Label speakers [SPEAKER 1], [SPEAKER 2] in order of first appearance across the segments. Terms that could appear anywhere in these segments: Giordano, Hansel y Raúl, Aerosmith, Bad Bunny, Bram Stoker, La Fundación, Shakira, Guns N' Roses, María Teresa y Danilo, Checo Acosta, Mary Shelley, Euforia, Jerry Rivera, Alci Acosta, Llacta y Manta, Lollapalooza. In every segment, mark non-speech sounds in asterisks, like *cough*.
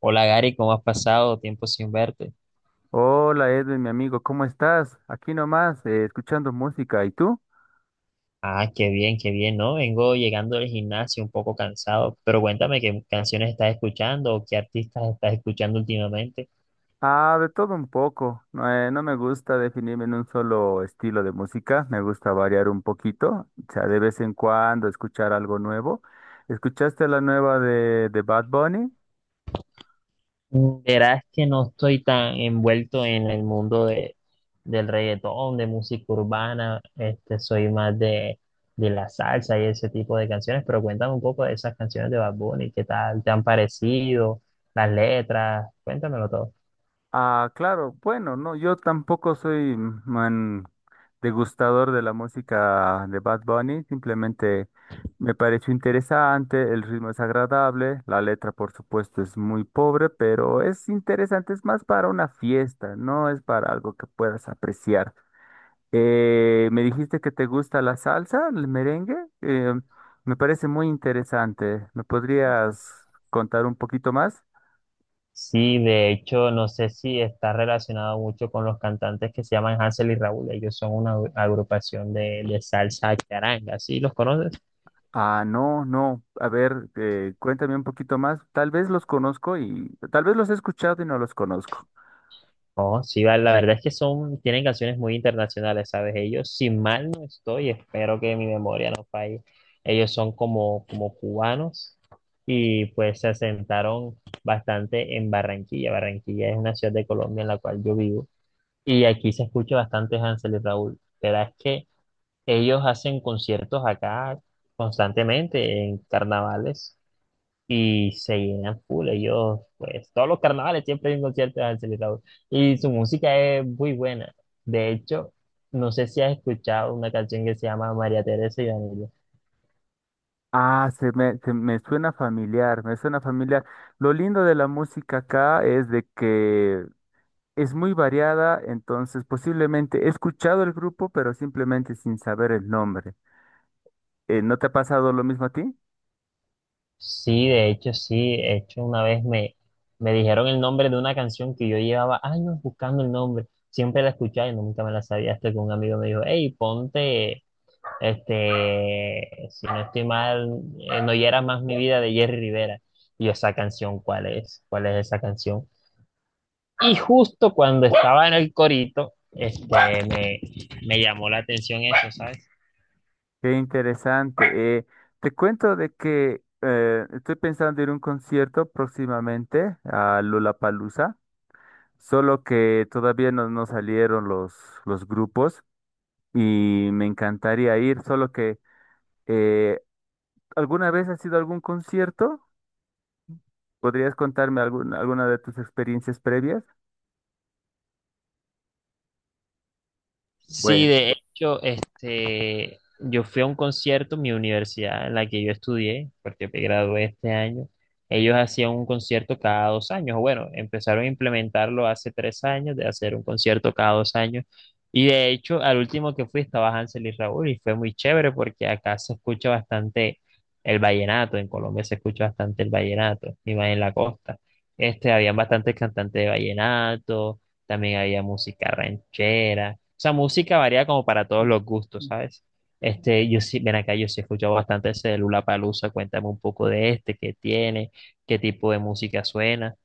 [SPEAKER 1] Hola Gary, ¿cómo has pasado? Tiempo sin verte.
[SPEAKER 2] Hola Edwin, mi amigo, ¿cómo estás? Aquí nomás, escuchando música. ¿Y tú?
[SPEAKER 1] Ah, qué bien, ¿no? Vengo llegando del gimnasio un poco cansado, pero cuéntame qué canciones estás escuchando o qué artistas estás escuchando últimamente.
[SPEAKER 2] Ah, de todo un poco. No, no me gusta definirme en un solo estilo de música. Me gusta variar un poquito. O sea, de vez en cuando escuchar algo nuevo. ¿Escuchaste la nueva de Bad Bunny?
[SPEAKER 1] Verás que no estoy tan envuelto en el mundo del reggaetón, de música urbana, este, soy más de la salsa y ese tipo de canciones, pero cuéntame un poco de esas canciones de Bad Bunny, ¿qué tal te han parecido? Las letras, cuéntamelo todo.
[SPEAKER 2] Ah, claro, bueno, no, yo tampoco soy man degustador de la música de Bad Bunny, simplemente me pareció interesante, el ritmo es agradable, la letra por supuesto es muy pobre, pero es interesante, es más para una fiesta, no es para algo que puedas apreciar. Me dijiste que te gusta la salsa, el merengue, eh, me parece muy interesante, ¿me podrías contar un poquito más?
[SPEAKER 1] Sí, de hecho, no sé si está relacionado mucho con los cantantes que se llaman Hansel y Raúl. Ellos son una agrupación de salsa charanga. ¿Sí los conoces?
[SPEAKER 2] Ah, no, no. A ver, cuéntame un poquito más. Tal vez los conozco y tal vez los he escuchado y no los conozco.
[SPEAKER 1] Oh, sí, la verdad es que son, tienen canciones muy internacionales, ¿sabes? Ellos, si mal no estoy, espero que mi memoria no falle. Ellos son como, como cubanos y pues se asentaron bastante en Barranquilla. Barranquilla es una ciudad de Colombia en la cual yo vivo y aquí se escucha bastante Hansel y Raúl. Pero es que ellos hacen conciertos acá constantemente en carnavales y se llenan full. Ellos, pues, todos los carnavales siempre hay un concierto de Hansel y Raúl. Y su música es muy buena. De hecho, no sé si has escuchado una canción que se llama María Teresa y Danilo.
[SPEAKER 2] Ah, se me suena familiar, me suena familiar. Lo lindo de la música acá es de que es muy variada, entonces posiblemente he escuchado el grupo, pero simplemente sin saber el nombre. ¿No te ha pasado lo mismo a ti?
[SPEAKER 1] Sí. De hecho, una me dijeron el nombre de una canción que yo llevaba años buscando el nombre. Siempre la escuchaba y nunca me la sabía hasta que un amigo me dijo, hey, ponte. Este, si no estoy mal, No hiera más mi vida de Jerry Rivera. Y yo, esa canción, ¿cuál es? ¿Cuál es esa canción? Y justo cuando estaba en el corito, este, me llamó la atención eso, ¿sabes?
[SPEAKER 2] Qué interesante. Te cuento de que estoy pensando ir a un concierto próximamente a Lollapalooza, solo que todavía no salieron los grupos y me encantaría ir, solo que eh, ¿alguna vez has ido a algún concierto? ¿Podrías contarme alguna de tus experiencias previas?
[SPEAKER 1] Sí,
[SPEAKER 2] Bueno.
[SPEAKER 1] de hecho, este, yo fui a un concierto en mi universidad en la que yo estudié, porque me gradué este año. Ellos hacían un concierto cada dos años. O bueno, empezaron a implementarlo hace tres años, de hacer un concierto cada dos años. Y de hecho, al último que fui estaba Hansel y Raúl y fue muy chévere porque acá se escucha bastante el vallenato. En Colombia se escucha bastante el vallenato, y más en la costa. Este, habían bastantes cantantes de vallenato, también había música ranchera, o sea, música varía como para todos los gustos, ¿sabes? Este, yo sí, ven acá, yo sí he escuchado bastante ese de Lollapalooza, cuéntame un poco de este, qué tiene, qué tipo de música suena.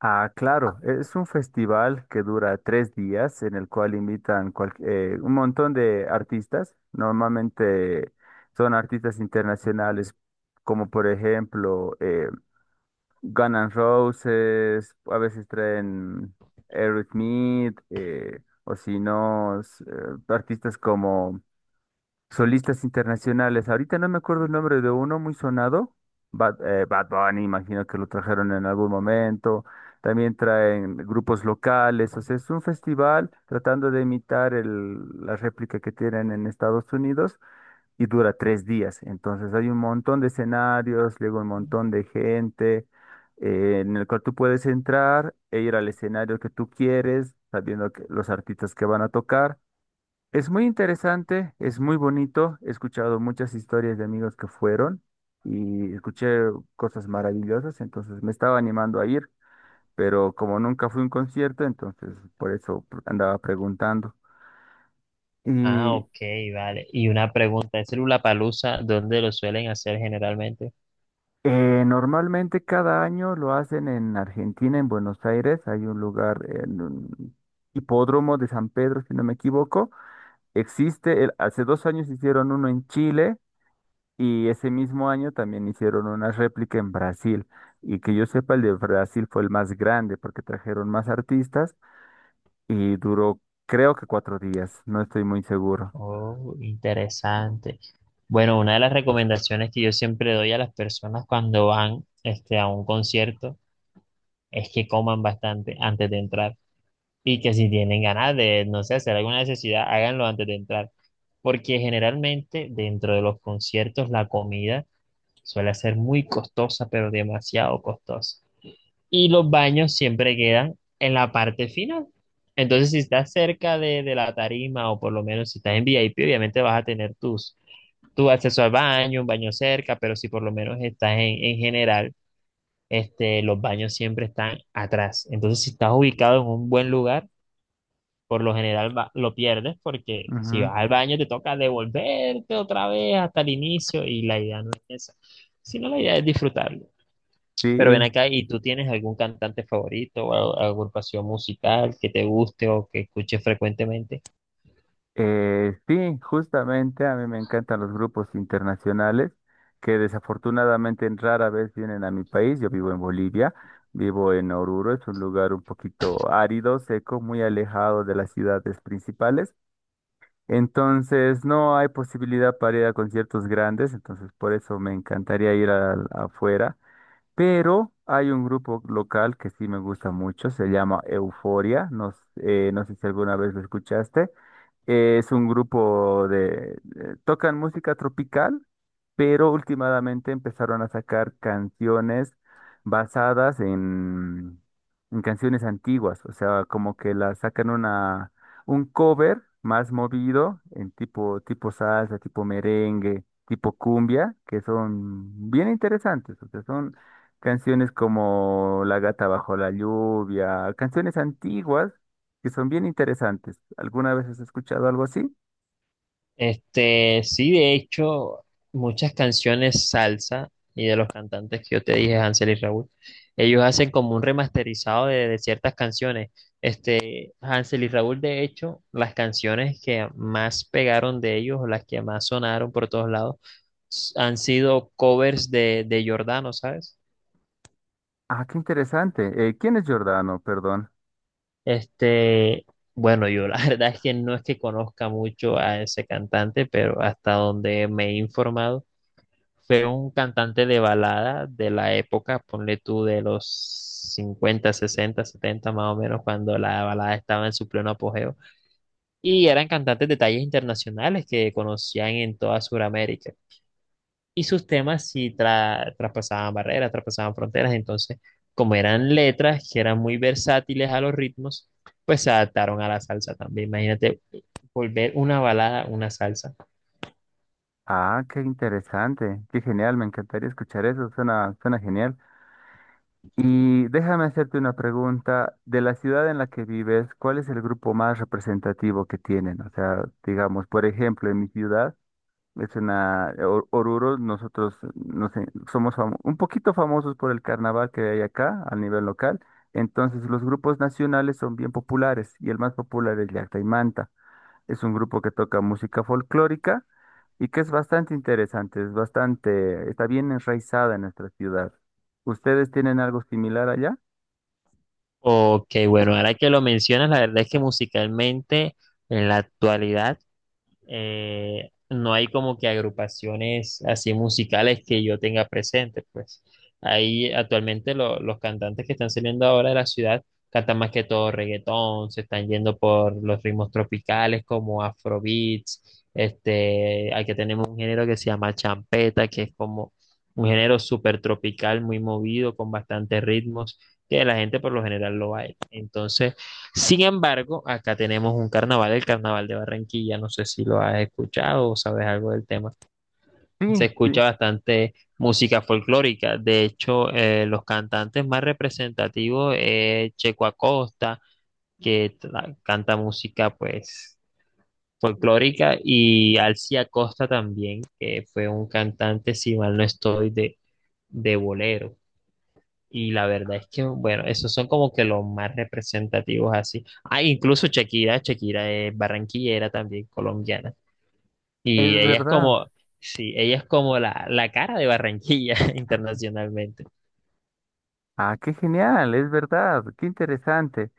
[SPEAKER 2] Ah, claro, es un festival que dura 3 días en el cual invitan un montón de artistas. Normalmente son artistas internacionales como por ejemplo Guns N' Roses, a veces traen Aerosmith, o si no, artistas como solistas internacionales. Ahorita no me acuerdo el nombre de uno muy sonado. Bad Bunny, imagino que lo trajeron en algún momento. También traen grupos locales. O sea, es un festival tratando de imitar la réplica que tienen en Estados Unidos y dura 3 días. Entonces hay un montón de escenarios, luego un montón de gente, en el cual tú puedes entrar e ir al escenario que tú quieres, sabiendo que los artistas que van a tocar es muy interesante, es muy bonito. He escuchado muchas historias de amigos que fueron y escuché cosas maravillosas, entonces me estaba animando a ir, pero como nunca fui a un concierto, entonces por eso andaba preguntando.
[SPEAKER 1] Ah,
[SPEAKER 2] Y
[SPEAKER 1] ok, vale. Y una pregunta, ¿ese Lollapalooza dónde lo suelen hacer generalmente?
[SPEAKER 2] normalmente cada año lo hacen en Argentina, en Buenos Aires. Hay un lugar en un hipódromo de San Pedro, si no me equivoco. Existe, hace 2 años hicieron uno en Chile. Y ese mismo año también hicieron una réplica en Brasil. Y que yo sepa, el de Brasil fue el más grande porque trajeron más artistas y duró, creo que 4 días, no estoy muy seguro.
[SPEAKER 1] Oh, interesante. Bueno, una de las recomendaciones que yo siempre doy a las personas cuando van este, a un concierto es que coman bastante antes de entrar y que si tienen ganas de, no sé, hacer alguna necesidad, háganlo antes de entrar. Porque generalmente dentro de los conciertos la comida suele ser muy costosa, pero demasiado costosa y los baños siempre quedan en la parte final. Entonces, si estás cerca de la tarima o por lo menos si estás en VIP, obviamente vas a tener tu acceso al baño, un baño cerca, pero si por lo menos estás en general, este, los baños siempre están atrás. Entonces, si estás ubicado en un buen lugar, por lo general lo pierdes porque si
[SPEAKER 2] Ujú.
[SPEAKER 1] vas al baño te toca devolverte otra vez hasta el inicio y la idea no es esa, sino la idea es disfrutar. Pero ven
[SPEAKER 2] Sí,
[SPEAKER 1] acá, ¿y tú tienes algún cantante favorito o agrupación musical que te guste o que escuches frecuentemente?
[SPEAKER 2] sí, justamente a mí me encantan los grupos internacionales que desafortunadamente rara vez vienen a mi país. Yo vivo en Bolivia, vivo en Oruro, es un lugar un poquito árido, seco, muy alejado de las ciudades principales. Entonces, no hay posibilidad para ir a conciertos grandes, entonces por eso me encantaría ir afuera. Pero hay un grupo local que sí me gusta mucho, se llama Euforia, no, no sé si alguna vez lo escuchaste. Es un grupo de... tocan música tropical, pero últimamente empezaron a sacar canciones basadas en canciones antiguas, o sea, como que las sacan un cover más movido, en tipo, tipo salsa, tipo merengue, tipo cumbia, que son bien interesantes, o sea, son... Canciones como La gata bajo la lluvia, canciones antiguas que son bien interesantes. ¿Alguna vez has escuchado algo así?
[SPEAKER 1] Este, sí, de hecho, muchas canciones salsa y de los cantantes que yo te dije, Hansel y Raúl, ellos hacen como un remasterizado de ciertas canciones. Este, Hansel y Raúl, de hecho, las canciones que más pegaron de ellos, o las que más sonaron por todos lados, han sido covers de Giordano, ¿sabes?
[SPEAKER 2] Ah, qué interesante. ¿Quién es Giordano? Perdón.
[SPEAKER 1] Este, bueno, yo la *laughs* verdad es que no es que conozca mucho a ese cantante, pero hasta donde me he informado, fue un cantante de balada de la época, ponle tú de los 50, 60, 70, más o menos, cuando la balada estaba en su pleno apogeo. Y eran cantantes de tallas internacionales que conocían en toda Sudamérica y sus temas sí traspasaban barreras, traspasaban fronteras. Entonces, como eran letras que eran muy versátiles a los ritmos, pues se adaptaron a la salsa también. Imagínate volver una balada una salsa.
[SPEAKER 2] Ah, qué interesante. Qué genial. Me encantaría escuchar eso. Suena, suena genial. Y déjame hacerte una pregunta. De la ciudad en la que vives, ¿cuál es el grupo más representativo que tienen? O sea, digamos, por ejemplo, en mi ciudad. Es una, Oruro, nosotros no sé, un poquito famosos por el carnaval que hay acá a nivel local. Entonces, los grupos nacionales son bien populares y el más popular es Llacta y Manta. Es un grupo que toca música folclórica y que es bastante interesante, es bastante, está bien enraizada en nuestra ciudad. ¿Ustedes tienen algo similar allá?
[SPEAKER 1] Ok, bueno, ahora que lo mencionas, la verdad es que musicalmente en la actualidad no hay como que agrupaciones así musicales que yo tenga presente, pues. Ahí actualmente los cantantes que están saliendo ahora de la ciudad cantan más que todo reggaetón, se están yendo por los ritmos tropicales como afrobeats, este, aquí tenemos un género que se llama champeta, que es como un género súper tropical, muy movido, con bastantes ritmos, que la gente por lo general lo baila. Entonces, sin embargo, acá tenemos un carnaval, el Carnaval de Barranquilla, no sé si lo has escuchado o sabes algo del tema.
[SPEAKER 2] Sí,
[SPEAKER 1] Se
[SPEAKER 2] sí,
[SPEAKER 1] escucha bastante música folclórica, de hecho, los cantantes más representativos es Checo Acosta, que canta música pues folclórica, y Alci Acosta también, que fue un cantante, si mal no estoy, de bolero. Y la verdad es que, bueno, esos son como que los más representativos así. Ah, incluso Shakira, Shakira es barranquillera también, colombiana.
[SPEAKER 2] es
[SPEAKER 1] Y ella es
[SPEAKER 2] verdad.
[SPEAKER 1] como, sí, ella es como la cara de Barranquilla *laughs* internacionalmente.
[SPEAKER 2] Ah, qué genial, es verdad, qué interesante.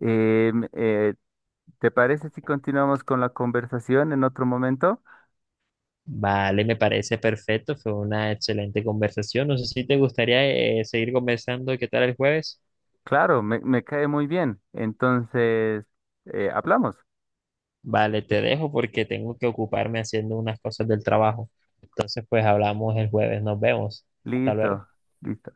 [SPEAKER 2] Em, Eh, ¿Te parece si continuamos con la conversación en otro momento?
[SPEAKER 1] Vale, me parece perfecto, fue una excelente conversación. No sé si te gustaría seguir conversando, ¿qué tal el jueves?
[SPEAKER 2] Claro, me cae muy bien. Entonces, hablamos.
[SPEAKER 1] Vale, te dejo porque tengo que ocuparme haciendo unas cosas del trabajo. Entonces, pues hablamos el jueves, nos vemos. Hasta luego.
[SPEAKER 2] Listo, listo.